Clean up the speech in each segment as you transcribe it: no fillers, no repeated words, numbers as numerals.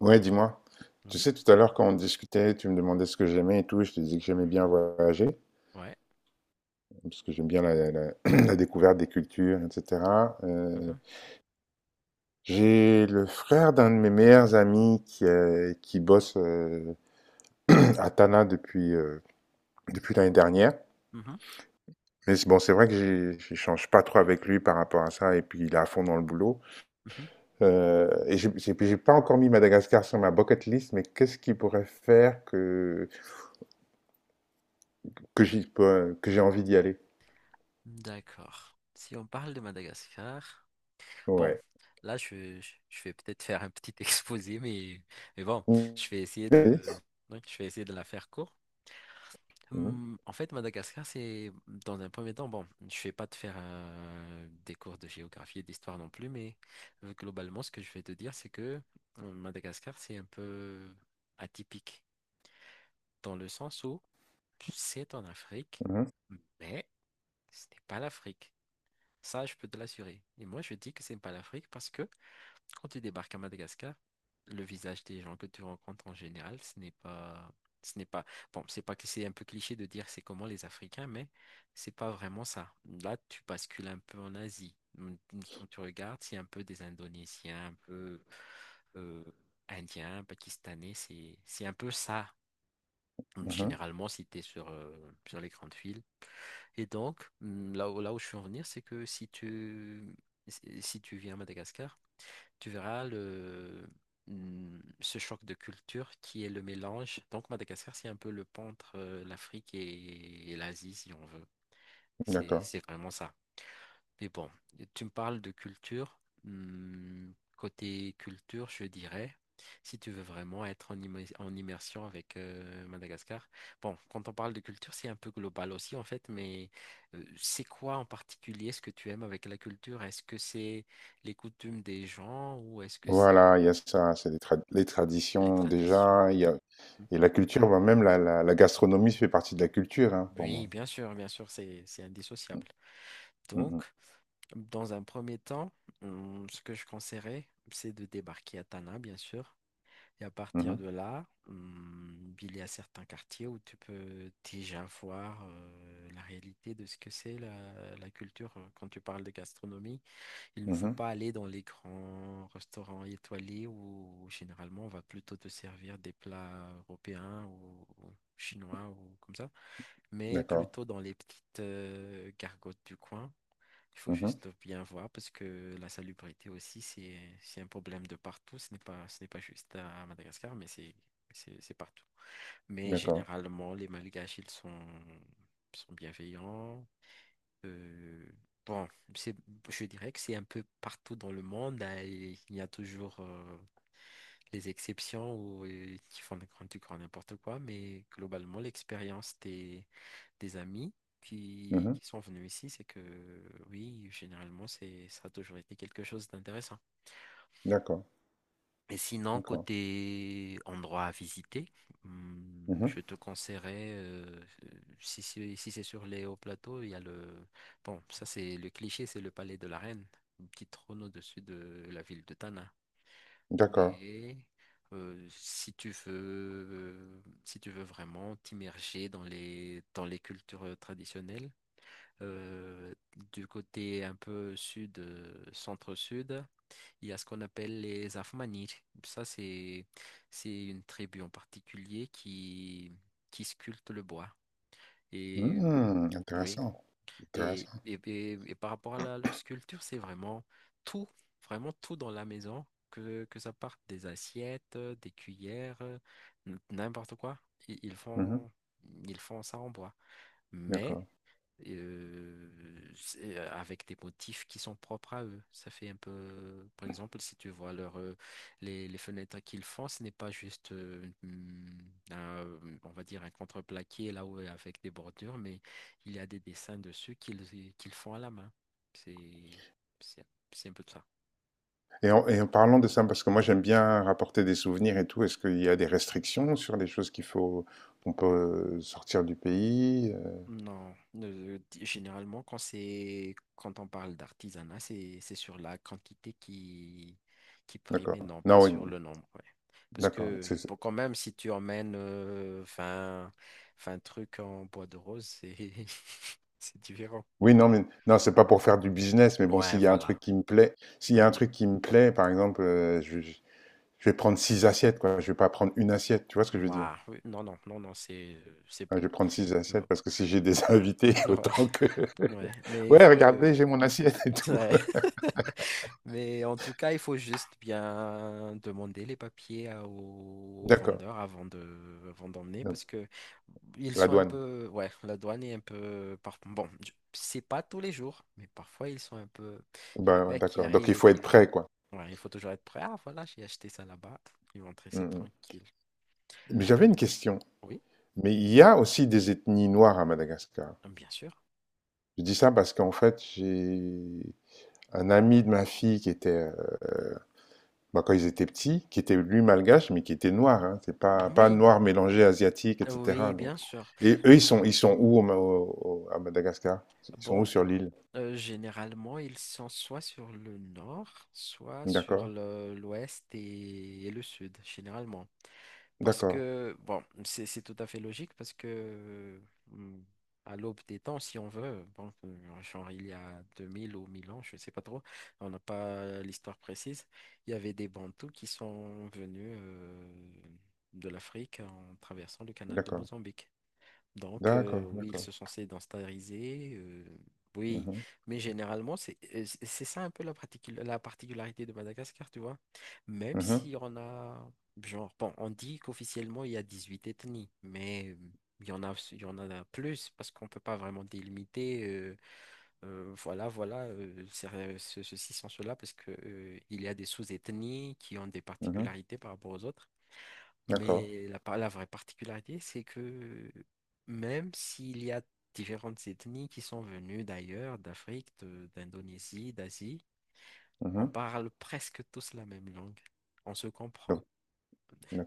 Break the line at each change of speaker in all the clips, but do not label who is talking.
Ouais, dis-moi. Tu
Oui.
sais, tout à l'heure, quand on discutait, tu me demandais ce que j'aimais et tout, je te disais que j'aimais bien voyager,
Ouais.
parce que j'aime bien la découverte des cultures, etc. Euh,
Mhm,
j'ai le frère d'un de mes meilleurs amis qui bosse à Tana depuis, depuis l'année dernière.
mhm,
Mais bon, c'est vrai que j'échange pas trop avec lui par rapport à ça, et puis il est à fond dans le boulot.
mhm.
J'ai pas encore mis Madagascar sur ma bucket list, mais qu'est-ce qui pourrait faire que, que j'ai envie d'y aller?
D'accord. Si on parle de Madagascar, bon,
Ouais.
je vais peut-être faire un petit exposé, mais bon,
Oui,
je vais essayer
oui.
de, ouais, je vais essayer de la faire court.
Mhm,
Madagascar, c'est dans un premier temps, bon, je vais pas te faire des cours de géographie et d'histoire non plus, mais globalement, ce que je vais te dire, c'est que Madagascar, c'est un peu atypique dans le sens où c'est en Afrique,
mhm,
mais ce n'est pas l'Afrique. Ça, je peux te l'assurer. Et moi, je dis que ce n'est pas l'Afrique parce que quand tu débarques à Madagascar, le visage des gens que tu rencontres en général, ce n'est pas, bon, c'est pas que c'est un peu cliché de dire c'est comment les Africains, mais c'est pas vraiment ça. Là, tu bascules un peu en Asie. Quand tu regardes, c'est un peu des Indonésiens, un peu euh, Indiens, Pakistanais, c'est un peu ça.
mhm.
Généralement, si tu es sur, sur les grandes villes, et donc, là où je suis en venir, c'est que si tu viens à Madagascar, tu verras ce choc de culture qui est le mélange. Donc, Madagascar, c'est un peu le pont entre l'Afrique et l'Asie, si on veut.
D'accord.
C'est vraiment ça. Mais bon, tu me parles de culture. Côté culture, je dirais, si tu veux vraiment être en, en immersion avec Madagascar. Bon, quand on parle de culture, c'est un peu global aussi en fait, mais c'est quoi en particulier ce que tu aimes avec la culture? Est-ce que c'est les coutumes des gens ou est-ce que
Voilà,
c'est
il y a ça, c'est les
les
traditions
traditions?
déjà, il y a,
Hmm.
et la culture, bah, même la gastronomie fait partie de la culture, hein, pour moi.
Oui, bien sûr, c'est indissociable. Donc,
Mhm,
dans un premier temps, ce que je conseillerais, c'est de débarquer à Tana, bien sûr. Et à partir
mhm,
de là, il y a certains quartiers où tu peux déjà voir la réalité de ce que c'est la culture. Quand tu parles de gastronomie, il ne faut
mhm.
pas aller dans les grands restaurants étoilés où, généralement on va plutôt te servir des plats européens ou chinois ou comme ça, mais
D'accord,
plutôt dans les petites gargotes du coin. Il faut
mhm,
juste bien voir parce que la salubrité aussi, c'est un problème de partout. Ce n'est pas juste à Madagascar, mais c'est partout. Mais
d'accord,
généralement, les Malgaches, sont bienveillants. Euh, bon, c'est, je dirais que c'est un peu partout dans le monde, hein, et il y a toujours les exceptions où, qui font du grand n'importe quoi, mais globalement, l'expérience des amis
mhm,
qui sont venus ici, c'est que oui, généralement, ça a toujours été quelque chose d'intéressant.
d'accord,
Et sinon,
d'accord,
côté endroit à visiter,
mhm,
je te conseillerais, si c'est sur les hauts plateaux, il y a le... Bon, ça c'est le cliché, c'est le palais de la Reine, une petite trône au-dessus de la ville de Tana.
d'accord.
Mais si tu veux vraiment t'immerger dans dans les cultures traditionnelles, euh, du côté un peu sud, centre-sud, il y a ce qu'on appelle les Afmanis. Ça, c'est, c'est une tribu en particulier qui sculpte le bois. Et
Hmm,
oui,
intéressant, intéressant.
et par rapport à leur sculpture, c'est vraiment tout, vraiment tout dans la maison, que ça parte des assiettes, des cuillères, n'importe quoi. Ils ils
Mhm,
font, ils font ça en bois. Mais
d'accord.
euh, avec des motifs qui sont propres à eux. Ça fait un peu, par exemple, si tu vois leur, les fenêtres qu'ils font, ce n'est pas juste, on va dire, un contreplaqué là où avec des bordures, mais il y a des dessins dessus qu'ils font à la main. C'est, c'est, c'est un peu de ça.
Et en parlant de ça, parce que moi j'aime bien rapporter des souvenirs et tout, est-ce qu'il y a des restrictions sur les choses qu'il faut, qu'on peut sortir du pays?
Non, généralement quand on parle d'artisanat, c'est sur la quantité qui prime et
D'accord.
non pas
Non, oui,
sur le nombre. Ouais. Parce
d'accord.
que pour quand même, si tu emmènes 20, 20 trucs en bois de rose, c'est c'est différent.
Oui, non, mais non, c'est pas pour faire du business, mais bon,
Ouais,
s'il y a un
voilà.
truc qui me plaît, s'il y a un
Mhm.
truc qui me plaît, par exemple, je vais prendre six assiettes, quoi. Je vais pas prendre une assiette, tu vois ce que je veux dire?
Ouah, oui, non, non, non, non, c'est
Hein, je
bon.
vais prendre six
Il va
assiettes parce
pas.
que si j'ai des invités,
Ouais.
autant que.
Ouais, mais il
Ouais,
faut...
regardez, j'ai mon assiette et tout.
Ouais. Mais en tout cas, il faut juste bien demander les papiers aux, aux
D'accord.
vendeurs avant de, avant d'emmener
Donc,
parce que ils
la
sont un
douane.
peu, ouais, la douane est un peu, c'est pas tous les jours, mais parfois ils sont un peu, il y a un
Ben, ouais,
mec qui
d'accord. Donc
arrive
il
et
faut être prêt, quoi.
ouais, il faut toujours être prêt. Ah, voilà, j'ai acheté ça là-bas. Ils vont te
Mm,
laisser
mm.
tranquille.
Mais j'avais une question.
Oui,
Mais il y a aussi des ethnies noires à Madagascar.
bien sûr.
Je dis ça parce qu'en fait, j'ai un ami de ma fille qui était bah, quand ils étaient petits, qui était lui malgache, mais qui était noir. Hein. C'est pas, pas
Oui,
noir mélangé asiatique, etc.
oui,
Donc.
bien sûr.
Et eux, ils sont où au Ma- au- au- à Madagascar? Ils sont
Bon,
où sur l'île?
généralement, ils sont soit sur le nord, soit sur
D'accord,
l'ouest et le sud, généralement. Parce
d'accord,
que, bon, c'est tout à fait logique parce que hum, à l'aube des temps, si on veut, bon, genre il y a 2000 ou 1000 ans, je ne sais pas trop, on n'a pas l'histoire précise, il y avait des Bantous qui sont venus de l'Afrique en traversant le canal de
d'accord,
Mozambique. Donc,
d'accord,
oui, ils
d'accord.
se sont censés d'instariser. Oui,
Mhm,
mais généralement, c'est c'est ça un peu la particularité de Madagascar, tu vois. Même
mhm,
si on a, genre, bon, on dit qu'officiellement, il y a 18 ethnies, mais il y en a plus parce qu'on ne peut pas vraiment délimiter, ceci sans cela, parce que, il y a des sous-ethnies qui ont des
mhm,
particularités par rapport aux autres.
d'accord,
Mais la vraie particularité, c'est que même s'il y a différentes ethnies qui sont venues d'ailleurs, d'Afrique, d'Indonésie, d'Asie, on
mhm.
parle presque tous la même langue. On se comprend.
Donc,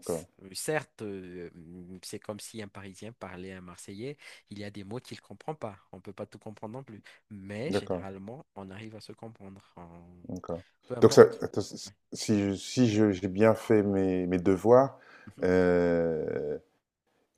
Certes, c'est comme si un Parisien parlait à un Marseillais, il y a des mots qu'il ne comprend pas. On ne peut pas tout comprendre non plus. Mais
d'accord,
généralement, on arrive à se comprendre. On-
d'accord.
peu
Donc, ça,
importe.
attends, si
Ouais.
si je, si je- j'ai bien fait mes, mes devoirs,
Mhm.
euh,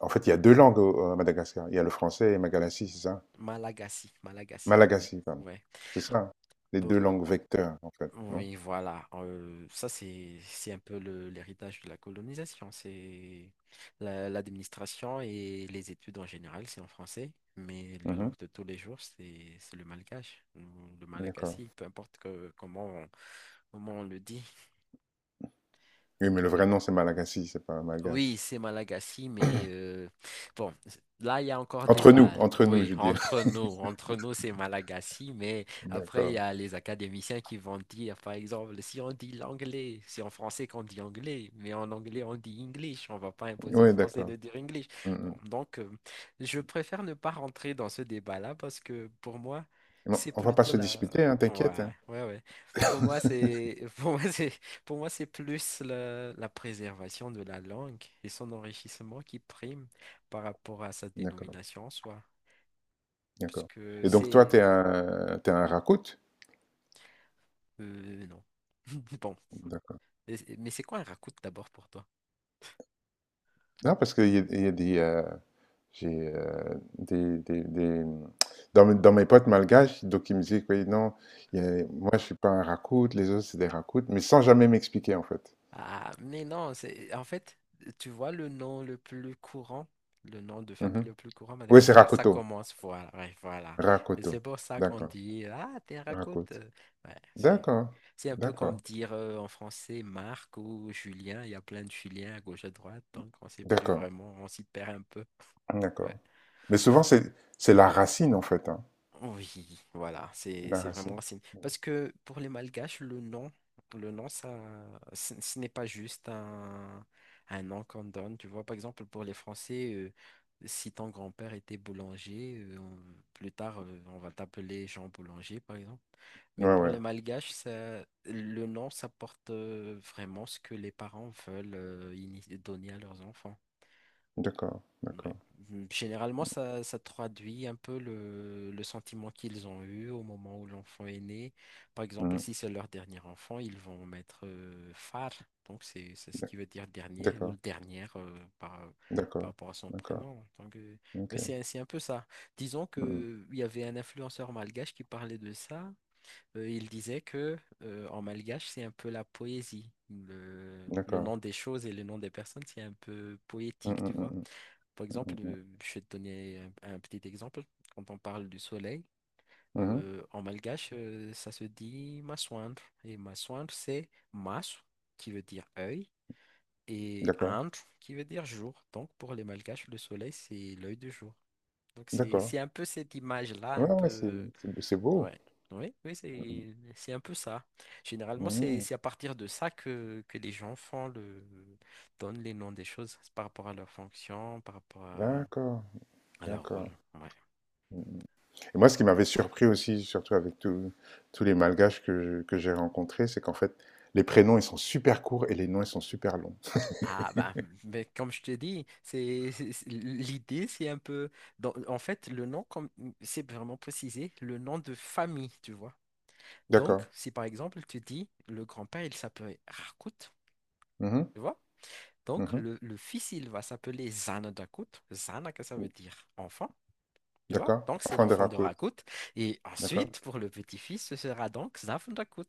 en fait, il y a deux langues à Madagascar. Il y a le français et Malagasy, c'est ça?
Malagasy, Malagasy, oui.
Malagasy, pardon. C'est ça, hein. Les 2
Ouais.
langues vecteurs, en fait, non?
Oui, voilà. Ça, c'est un peu l'héritage de la colonisation. C'est l'administration et les études en général, c'est en français, mais la
Mmh,
langue de tous les jours, c'est le malgache, ou le
d'accord.
malagasy, peu importe que, comment, comment on le dit.
Oui, mais le vrai nom, c'est Malagasy, c'est pas malgache.
Oui, c'est Malagasy, mais bon, là, il y a encore débat.
Entre nous, je
Oui,
veux dire.
entre nous, c'est Malagasy, mais après, il y
D'accord.
a les académiciens qui vont dire, par exemple, si on dit l'anglais, c'est en français qu'on dit anglais, mais en anglais, on dit English, on va pas imposer aux
Oui,
Français
d'accord.
de dire English.
Mmh.
Bon, donc, je préfère ne pas rentrer dans ce débat-là parce que pour moi,
Non,
c'est
on va pas
plutôt
se
la...
disputer, hein,
Ouais,
t'inquiète, hein.
ouais, ouais. Pour moi, c'est... Pour moi, c'est plus la préservation de la langue et son enrichissement qui prime par rapport à sa
D'accord,
dénomination en soi. Parce
d'accord.
que
Et donc toi,
c'est...
t'es un Rakout?
Non. Bon.
D'accord.
Mais c'est quoi un racout d'abord pour toi?
Non, parce qu'il y a des, j'ai, des dans mes potes malgaches, donc ils me disaient: «Oui, non, il y a moi, je suis pas un Rakout, les autres, c'est des Rakouts», mais sans jamais m'expliquer, en fait.
Ah, mais non, c'est en fait, tu vois le nom le plus courant, le nom de famille
Mmh.
le plus courant à
Oui, c'est
Madagascar, ça
Rakoto.
commence, voilà, ouais, voilà. Et
Rakoto.
c'est pour ça qu'on
D'accord.
dit, ah, terracote, raconte.
Rakoto.
Ouais,
D'accord.
c'est un peu comme
D'accord.
dire en français Marc ou Julien, il y a plein de Julien à gauche à droite, donc on sait plus
D'accord.
vraiment, on s'y perd un peu.
D'accord.
Ouais.
Mais souvent, c'est la racine, en fait, hein.
Oui, voilà,
C'est la
c'est vraiment
racine.
racine. Parce que pour les Malgaches, le nom, ce n'est pas un nom qu'on donne. Tu vois, par exemple, pour les Français, si ton grand-père était boulanger, plus tard, on va t'appeler Jean Boulanger, par exemple. Mais
Ouais,
pour
ouais.
les Malgaches, ça, le nom, ça porte vraiment ce que les parents veulent donner à leurs enfants.
D'accord. D'accord.
Ouais. Généralement, ça traduit un peu le sentiment qu'ils ont eu au moment où l'enfant est né. Par exemple,
Mhm.
si c'est leur dernier enfant, ils vont mettre Far, donc c'est ce
D'ac-
qui veut dire dernier ou
D'accord.
le dernière par
D'accord.
rapport à son
D'accord.
prénom. Donc, mais
Ok.
c'est un peu ça. Disons que
Mhm.
il y avait un influenceur malgache qui parlait de ça. Il disait que en malgache, c'est un peu la poésie. Le
D'accord.
nom des choses et le nom des personnes, c'est un peu poétique,
Mhm,
tu vois.
mhm,
Par exemple,
mhm,
je vais te donner un petit exemple. Quand on parle du soleil,
mhm. Mhm.
en malgache, ça se dit maswandre. Et maswandre, c'est mas, qui veut dire œil, et
D'accord.
andre, qui veut dire jour. Donc, pour les malgaches, le soleil, c'est l'œil du jour. Donc,
D'accord.
c'est un peu cette image-là, un
Ouais, ouais,
peu.
c'est beau.
Ouais. Oui, oui, c'est un peu ça. Généralement,
Mhm.
c'est à partir de ça que les gens font donnent les noms des choses par rapport à leur fonction, par rapport à
D'accord.
alors, rôle,
D'accord.
ouais.
Mmh. Et moi, ce qui m'avait surpris aussi, surtout avec tous les malgaches que j'ai rencontrés, c'est qu'en fait, les prénoms, ils sont super courts et les noms, ils sont super longs.
Ah, bah, mais comme je te dis, l'idée, c'est un peu. En fait, le nom, comme c'est vraiment précisé, le nom de famille, tu vois. Donc,
D'accord.
si par exemple, tu dis le grand-père, il s'appelait Rakout,
Mhm,
tu vois. Donc,
mhm.
le fils, il va s'appeler Zanadakut. Zana, que ça veut dire enfant, tu vois.
D'accord.
Donc, c'est
Enfin, de
l'enfant de
raconte.
Rakout. Et
D'accord.
ensuite, pour le petit-fils, ce sera donc Zafndakut.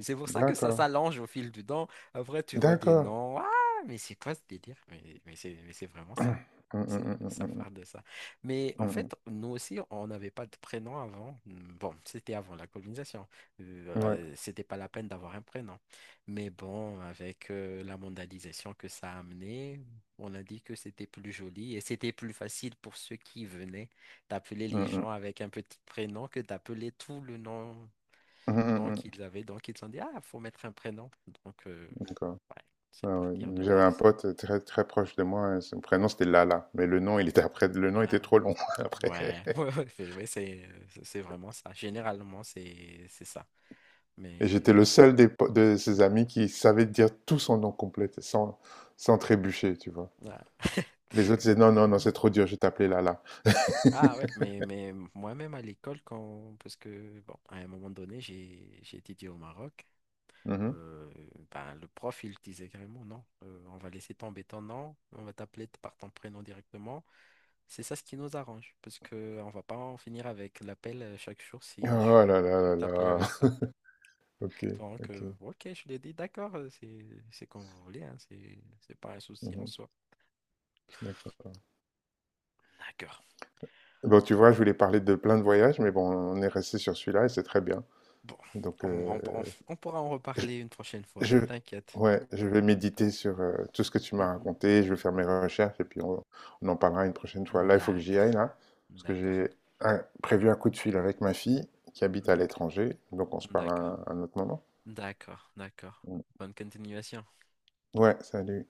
C'est pour ça que ça
D'accord.
s'allonge au fil du temps. Après, tu vois des
D'accord.
noms. Ah, mais c'est quoi ce délire? Mais c'est vraiment ça.
Mm,
C'est,
mm, mm,
ça
mm,
part de ça. Mais
mm,
en
mm,
fait, nous aussi, on n'avait pas de prénom avant. Bon, c'était avant la colonisation.
mm. Ouais.
C'était pas la peine d'avoir un prénom. Mais bon, avec la mondialisation que ça a amené, on a dit que c'était plus joli et c'était plus facile pour ceux qui venaient d'appeler
Mm,
les
mm.
gens avec un petit prénom que d'appeler tout le nom.
Mm, mm,
Donc,
mm.
ils avaient, donc, ils ont dit, ah, faut mettre un prénom. Donc,
D'accord.
ouais, c'est
Ah ouais.
partir de
J'avais un
l'axe.
pote très très proche de moi, son prénom c'était Lala, mais le nom il était après, le nom
Ah,
était trop long après.
ouais, ouais, ouais, c'est ouais, c'est vraiment ça. Généralement, c'est ça.
Et
Mais,
j'étais le seul de ses amis qui savait dire tout son nom complet, sans, sans trébucher, tu vois.
ouais.
Les autres disaient, non, non, non,
Mhm.
c'est trop dur, je vais t'appeler là là.
Ah ouais, mais moi-même à l'école, quand, parce que, bon, à un moment donné, j'ai étudié au Maroc,
Mhm.
euh, ben, le prof, il disait carrément, non, on va laisser tomber ton nom, on va t'appeler par ton prénom directement. C'est ça ce qui nous arrange, parce que on va pas en finir avec l'appel chaque jour si
Oh là là
je vais
là
t'appeler
là.
avec ça.
Ok,
Donc,
ok.
ok, je l'ai dit, d'accord, c'est comme vous voulez, hein, c'est pas un souci en
Mhm,
soi.
d'accord.
D'accord.
Bon, tu vois, je voulais parler de plein de voyages, mais bon, on est resté sur celui-là et c'est très bien.
Bon,
Donc, euh,
on pourra en reparler une prochaine fois,
Je,
t'inquiète.
ouais, je vais méditer sur tout ce que tu m'as
Mhm.
raconté, je vais faire mes recherches et puis on en parlera une prochaine fois. Là, il faut que j'y
D'accord,
aille, là, parce que
d'accord,
j'ai prévu un coup de fil avec ma fille qui habite à
d'accord,
l'étranger, donc on se parle à
d'accord,
un autre moment.
d'accord, d'accord.
Mm.
Bonne continuation.
Ouais, salut.